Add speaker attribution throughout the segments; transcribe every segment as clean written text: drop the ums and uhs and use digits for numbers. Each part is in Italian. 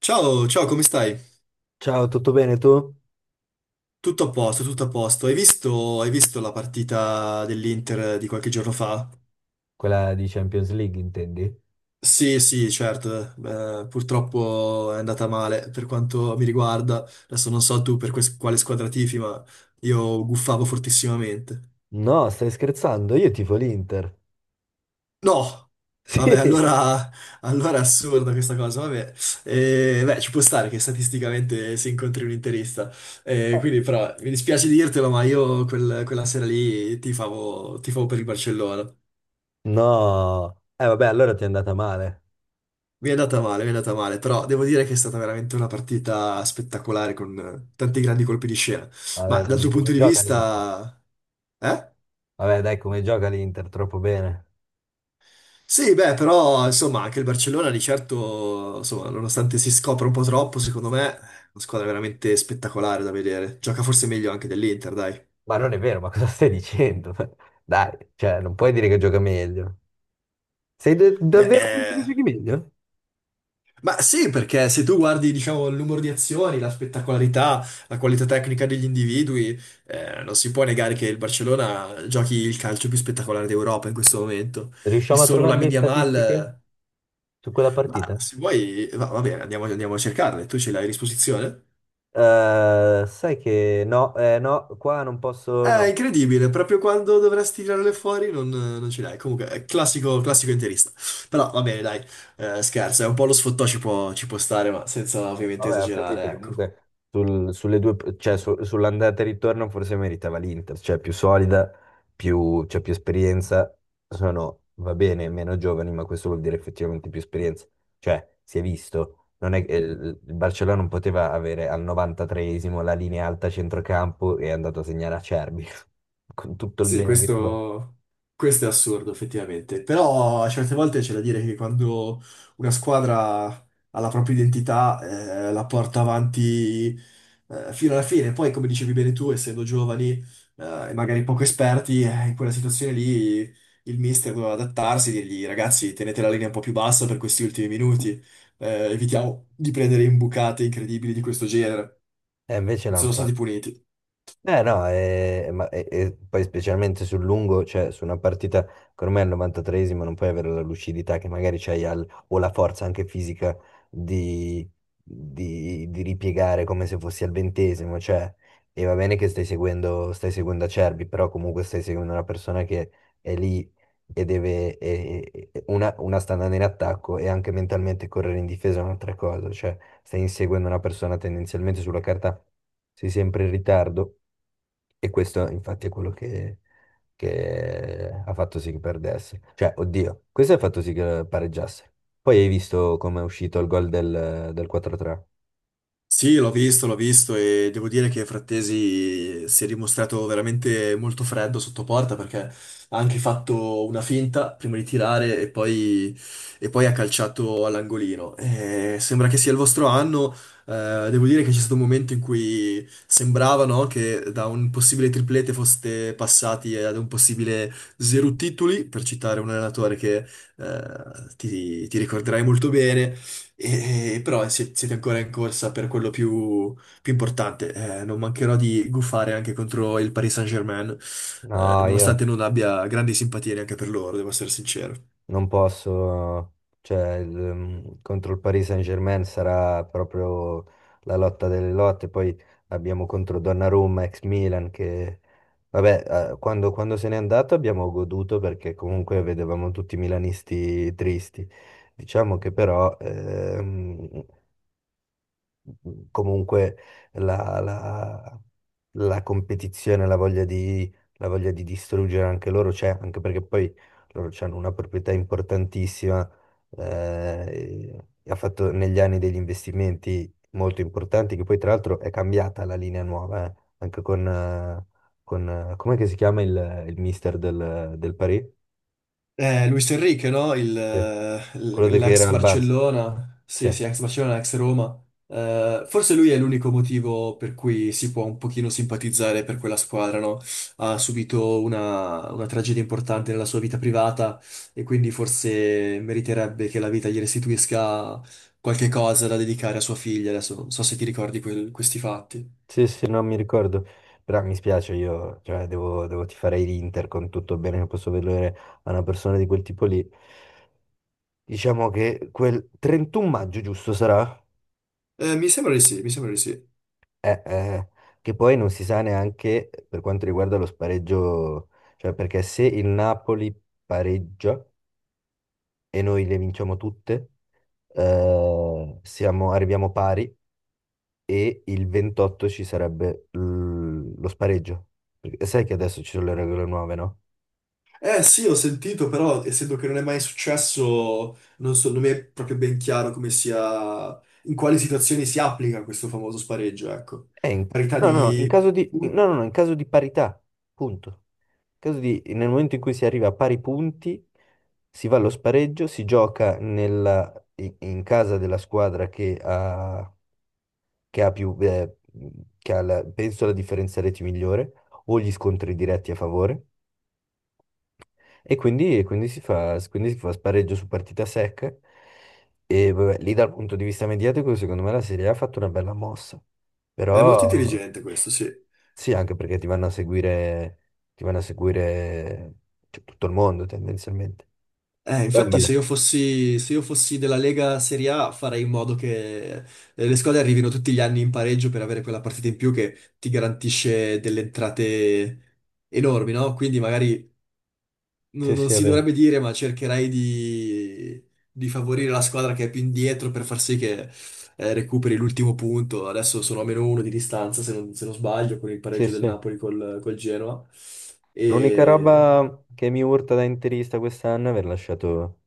Speaker 1: Ciao, ciao, come stai?
Speaker 2: Ciao, tutto bene tu?
Speaker 1: Tutto a posto, tutto a posto. Hai visto la partita dell'Inter di qualche giorno fa?
Speaker 2: Quella di Champions League, intendi?
Speaker 1: Sì, sì, certo. Purtroppo è andata male per quanto mi riguarda. Adesso non so tu per quale squadra tifi, ma io guffavo fortissimamente.
Speaker 2: No, stai scherzando? Io tifo l'Inter.
Speaker 1: No,
Speaker 2: Sì.
Speaker 1: vabbè, allora è assurda questa cosa, vabbè. Beh, ci può stare che statisticamente si incontri un interista, quindi però mi dispiace dirtelo, ma io quella sera lì tifavo, tifavo per il Barcellona.
Speaker 2: No. Eh vabbè, allora ti è andata male.
Speaker 1: Mi è andata male, mi è andata male, però devo dire che è stata veramente una partita spettacolare con tanti grandi colpi di scena. Ma
Speaker 2: Vabbè,
Speaker 1: dal
Speaker 2: dai,
Speaker 1: tuo punto
Speaker 2: come
Speaker 1: di
Speaker 2: gioca l'Inter?
Speaker 1: vista... Eh?
Speaker 2: Vabbè, dai, come gioca l'Inter? Troppo bene.
Speaker 1: Sì, beh, però insomma anche il Barcellona di certo, insomma, nonostante si scopra un po' troppo, secondo me è una squadra veramente spettacolare da vedere. Gioca forse meglio anche dell'Inter, dai.
Speaker 2: Ma non è vero, ma cosa stai dicendo? Dai, cioè, non puoi dire che gioca meglio. Sei
Speaker 1: Beh,
Speaker 2: davvero convinto che giochi meglio?
Speaker 1: ma sì, perché se tu guardi, diciamo, il numero di azioni, la spettacolarità, la qualità tecnica degli individui, non si può negare che il Barcellona giochi il calcio più spettacolare d'Europa in questo momento. Il
Speaker 2: Riusciamo a
Speaker 1: solo
Speaker 2: trovare le
Speaker 1: Lamine Yamal,
Speaker 2: statistiche su quella
Speaker 1: ma
Speaker 2: partita?
Speaker 1: se vuoi, va bene, andiamo, andiamo a cercarle, tu ce l'hai a disposizione?
Speaker 2: Sai che no, no, qua non posso,
Speaker 1: È
Speaker 2: no.
Speaker 1: incredibile, proprio quando dovresti tirarle fuori non ce l'hai. Comunque, è classico, classico interista. Però va bene, dai, scherzo, è un po' lo sfottò ci può stare, ma senza ovviamente
Speaker 2: Vabbè, ho
Speaker 1: esagerare,
Speaker 2: capito,
Speaker 1: ecco.
Speaker 2: comunque sulle due, cioè, sull'andata e ritorno forse meritava l'Inter, cioè più solida, più, cioè, più esperienza, sono, va bene, meno giovani, ma questo vuol dire effettivamente più esperienza, cioè si è visto, non è, il Barcellona non poteva avere al 93esimo la linea alta a centrocampo e è andato a segnare a Acerbi, con tutto il
Speaker 1: Sì,
Speaker 2: bene che ti può.
Speaker 1: questo è assurdo effettivamente, però a certe volte c'è da dire che quando una squadra ha la propria identità, la porta avanti, fino alla fine. Poi come dicevi bene tu, essendo giovani, e magari poco esperti, in quella situazione lì il mister doveva adattarsi e dirgli: ragazzi, tenete la linea un po' più bassa per questi ultimi minuti, evitiamo di prendere imbucate incredibili di questo genere,
Speaker 2: E invece l'hanno
Speaker 1: sono stati
Speaker 2: fatto.
Speaker 1: puniti.
Speaker 2: Eh no, e, e poi specialmente sul lungo, cioè su una partita che ormai al 93esimo non puoi avere la lucidità che magari c'hai o la forza anche fisica di, di ripiegare come se fossi al 20°, cioè, e va bene che stai seguendo Acerbi, però comunque stai seguendo una persona che è lì e deve, una sta andando in attacco e anche mentalmente correre in difesa è un'altra cosa, cioè stai inseguendo una persona tendenzialmente sulla carta sei sempre in ritardo e questo infatti è quello che ha fatto sì che perdesse. Cioè, oddio, questo ha fatto sì che pareggiasse. Poi hai visto come è uscito il gol del 4-3.
Speaker 1: Sì, l'ho visto, l'ho visto, e devo dire che Frattesi si è dimostrato veramente molto freddo sotto porta, perché ha anche fatto una finta prima di tirare e poi, ha calciato all'angolino. Sembra che sia il vostro anno, devo dire che c'è stato un momento in cui sembrava, no, che da un possibile triplete foste passati ad un possibile zero titoli, per citare un allenatore che eh, ti ricorderai molto bene. Però siete ancora in corsa per quello più importante. Non mancherò di guffare anche contro il Paris Saint-Germain,
Speaker 2: No, io,
Speaker 1: nonostante non abbia grandi simpatie neanche per loro, devo essere sincero.
Speaker 2: non posso, cioè contro il Paris Saint-Germain sarà proprio la lotta delle lotte, poi abbiamo contro Donnarumma, ex Milan, che vabbè, quando se n'è andato abbiamo goduto perché comunque vedevamo tutti i milanisti tristi. Diciamo che però comunque la, la- la competizione, la voglia di distruggere anche loro c'è, anche perché poi loro hanno una proprietà importantissima, eh, e ha fatto negli anni degli investimenti molto importanti, che poi tra l'altro è cambiata la linea nuova, anche con com'è che si chiama il mister del Paris?
Speaker 1: Luis Enrique, no?
Speaker 2: Eh, Quello che
Speaker 1: L'ex
Speaker 2: era al Barça.
Speaker 1: Barcellona, sì, sì,
Speaker 2: Sì.
Speaker 1: ex Barcellona, ex Roma. Forse lui è l'unico motivo per cui si può un pochino simpatizzare per quella squadra, no? Ha subito una tragedia importante nella sua vita privata, e quindi forse meriterebbe che la vita gli restituisca qualche cosa da dedicare a sua figlia. Adesso non so se ti ricordi questi fatti.
Speaker 2: Sì, sì, non mi ricordo, però mi spiace, io cioè, devo tifare l'Inter con tutto il bene che posso vedere a una persona di quel tipo lì. Diciamo che quel 31 maggio, giusto, sarà?
Speaker 1: Mi sembra di sì, mi sembra di sì.
Speaker 2: Eh, eh, che poi non si sa neanche per quanto riguarda lo spareggio, cioè perché se il Napoli pareggia e noi le vinciamo tutte, arriviamo pari e il 28 ci sarebbe lo spareggio. Perché sai che adesso ci sono le regole nuove, no?
Speaker 1: Eh sì, ho sentito, però essendo che non è mai successo, non so, non, mi è proprio ben chiaro come sia, in quali situazioni si applica questo famoso spareggio, ecco.
Speaker 2: Eh, in-
Speaker 1: Parità
Speaker 2: no, no, no, in
Speaker 1: di...
Speaker 2: caso di, in-
Speaker 1: punti.
Speaker 2: no, no, no, in caso di parità, punto. Nel momento in cui si arriva a pari punti, si va allo spareggio, si gioca in casa della squadra che ha più, penso la differenza reti migliore o gli scontri diretti a favore. E quindi, e quindi si fa spareggio su partita secca. E vabbè, lì dal punto di vista mediatico, secondo me la Serie A ha fatto una bella mossa. Mm.
Speaker 1: È molto
Speaker 2: Però.
Speaker 1: intelligente questo, sì.
Speaker 2: Sì, anche perché ti vanno a seguire, ti vanno a seguire cioè, tutto il mondo tendenzialmente. Poi è un
Speaker 1: Infatti se
Speaker 2: bello.
Speaker 1: io fossi, se io fossi della Lega Serie A, farei in modo che, le squadre arrivino tutti gli anni in pareggio per avere quella partita in più che ti garantisce delle entrate enormi, no? Quindi magari
Speaker 2: Sì,
Speaker 1: non
Speaker 2: sì, è
Speaker 1: si
Speaker 2: vero.
Speaker 1: dovrebbe dire, ma cercherai di favorire la squadra che è più indietro per far sì che, recuperi l'ultimo punto. Adesso sono a meno uno di distanza, se non sbaglio, con il
Speaker 2: Sì,
Speaker 1: pareggio del
Speaker 2: sì.
Speaker 1: Napoli col Genoa.
Speaker 2: L'unica roba che mi urta da interista quest'anno è aver lasciato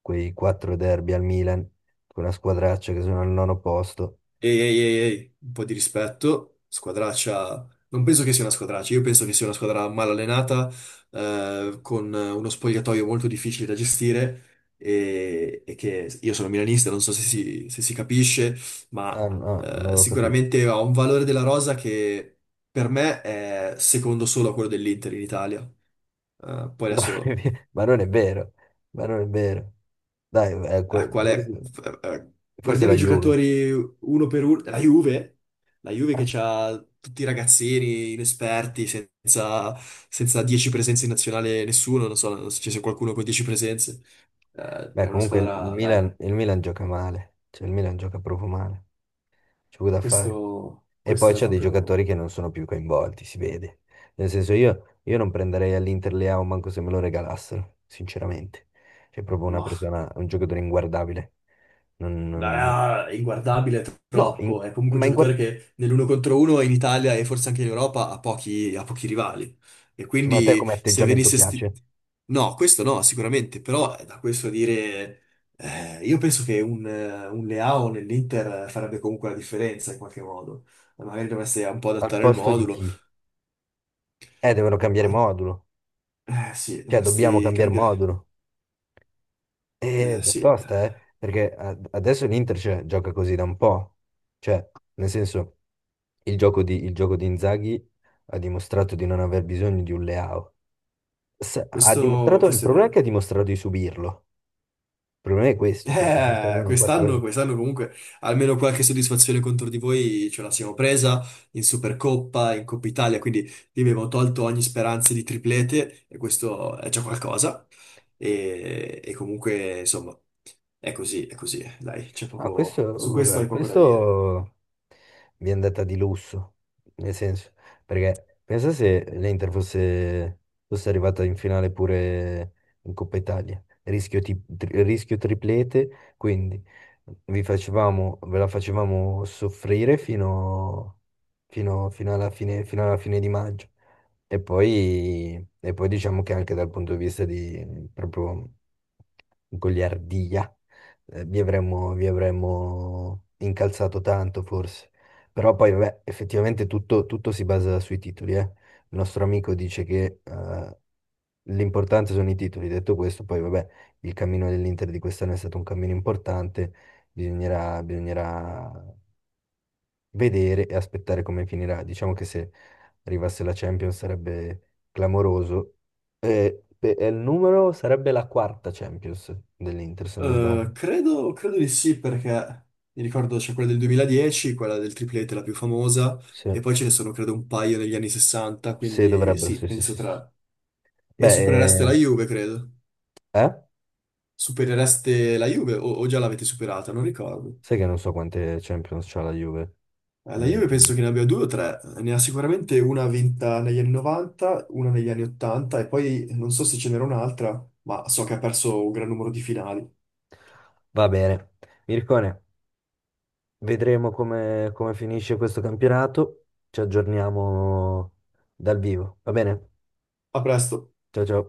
Speaker 2: quei quattro derby al Milan, con una squadraccia che sono al nono posto.
Speaker 1: Ehi, ehi, ehi, ehi, un po' di rispetto! Squadraccia? Non penso che sia una squadraccia, io penso che sia una squadra mal allenata, con uno spogliatoio molto difficile da gestire, e che io sono milanista, non so se si capisce, ma
Speaker 2: Ah, no, non avevo capito.
Speaker 1: sicuramente ha un valore della rosa che per me è secondo solo a quello dell'Inter in Italia. Poi
Speaker 2: No,
Speaker 1: adesso,
Speaker 2: non è vero. Ma non è vero, ma non è vero. Dai, eh,
Speaker 1: a
Speaker 2: que-
Speaker 1: quale-
Speaker 2: forse,
Speaker 1: f- eh,
Speaker 2: forse
Speaker 1: guardiamo
Speaker 2: la
Speaker 1: i
Speaker 2: Juve.
Speaker 1: giocatori uno per uno. La Juve, che ha tutti i ragazzini inesperti, senza 10 presenze in nazionale nessuno, non so se ci sia qualcuno con 10 presenze.
Speaker 2: Beh,
Speaker 1: È una
Speaker 2: comunque il il
Speaker 1: squadra, dai,
Speaker 2: Milan, il Milan gioca male, cioè il Milan gioca proprio male. C'è poco da fare.
Speaker 1: questo,
Speaker 2: E poi
Speaker 1: questo è
Speaker 2: c'è dei
Speaker 1: proprio...
Speaker 2: giocatori che non sono più coinvolti, si vede. Nel senso, io non prenderei all'Inter Leao manco se me lo regalassero, sinceramente. C'è proprio una
Speaker 1: mah.
Speaker 2: persona, un giocatore inguardabile. Non- non-
Speaker 1: Ah, è inguardabile è
Speaker 2: No,
Speaker 1: troppo. È comunque
Speaker 2: ma
Speaker 1: un
Speaker 2: in...
Speaker 1: giocatore
Speaker 2: guar-
Speaker 1: che nell'uno contro uno in Italia, e forse anche in Europa, ha pochi rivali. E
Speaker 2: sì, ma a te
Speaker 1: quindi
Speaker 2: come
Speaker 1: se
Speaker 2: atteggiamento
Speaker 1: venisse...
Speaker 2: piace?
Speaker 1: No, questo no, sicuramente, però da questo a dire... io penso che un Leao nell'Inter farebbe comunque la differenza in qualche modo. Magari dovreste un po'
Speaker 2: Al
Speaker 1: adattare il
Speaker 2: posto di
Speaker 1: modulo.
Speaker 2: chi? Devono cambiare
Speaker 1: Al-
Speaker 2: modulo.
Speaker 1: Eh sì,
Speaker 2: Cioè, dobbiamo
Speaker 1: dovresti
Speaker 2: cambiare
Speaker 1: cambiare...
Speaker 2: modulo.
Speaker 1: Eh
Speaker 2: È
Speaker 1: sì,
Speaker 2: tosta, eh? Perché adesso l'Inter cioè, gioca così da un po'. Cioè, nel senso, il gioco di Inzaghi ha dimostrato di non aver bisogno di un Leao. Ha
Speaker 1: questo
Speaker 2: dimostrato, il
Speaker 1: questo è
Speaker 2: problema è che
Speaker 1: vero.
Speaker 2: ha dimostrato di subirlo. Il problema è questo, perché stanno
Speaker 1: Eh,
Speaker 2: nei quattro.
Speaker 1: quest'anno, quest'anno comunque almeno qualche soddisfazione contro di voi ce la siamo presa in Supercoppa, in Coppa Italia, quindi vi abbiamo tolto ogni speranza di triplete, e questo è già qualcosa. E comunque, insomma, è così, è così. Dai, c'è
Speaker 2: Ah,
Speaker 1: poco... Su
Speaker 2: questo,
Speaker 1: questo
Speaker 2: vabbè,
Speaker 1: hai poco da dire.
Speaker 2: questo mi è andata di lusso, nel senso, perché pensa se l'Inter fosse, arrivata in finale pure in Coppa Italia, rischio, rischio triplete, quindi ve la facevamo soffrire fino, fino alla fine, fino alla fine di maggio. E poi diciamo che anche dal punto di vista di proprio goliardia vi avremmo incalzato tanto forse. Però poi, vabbè, effettivamente tutto si basa sui titoli, eh. Il nostro amico dice che l'importante sono i titoli. Detto questo, poi, vabbè, il cammino dell'Inter di quest'anno è stato un cammino importante. Bisognerà vedere e aspettare come finirà. Diciamo che se arrivasse la Champions sarebbe clamoroso. E il numero sarebbe la quarta Champions dell'Inter, se non
Speaker 1: Eh,
Speaker 2: sbaglio.
Speaker 1: credo, credo di sì, perché mi ricordo c'è quella del 2010, quella del triplete, la più famosa,
Speaker 2: Sì.
Speaker 1: e poi ce ne sono credo un paio negli anni 60,
Speaker 2: Sì,
Speaker 1: quindi
Speaker 2: dovrebbero,
Speaker 1: sì,
Speaker 2: sì, sì,
Speaker 1: penso
Speaker 2: sì, sì.
Speaker 1: tra. E
Speaker 2: Beh,
Speaker 1: superereste la Juve, credo.
Speaker 2: eh?
Speaker 1: Superereste la Juve, o già l'avete superata, non ricordo.
Speaker 2: Sai che non so quante Champions c'ha la Juve.
Speaker 1: La Juve
Speaker 2: Mm.
Speaker 1: penso che ne abbia due o tre, ne ha sicuramente una vinta negli anni 90, una negli anni 80, e poi non so se ce n'era un'altra, ma so che ha perso un gran numero di finali.
Speaker 2: Va bene. Mircone, vedremo come finisce questo campionato. Ci aggiorniamo dal vivo, va bene?
Speaker 1: A presto.
Speaker 2: Ciao, ciao.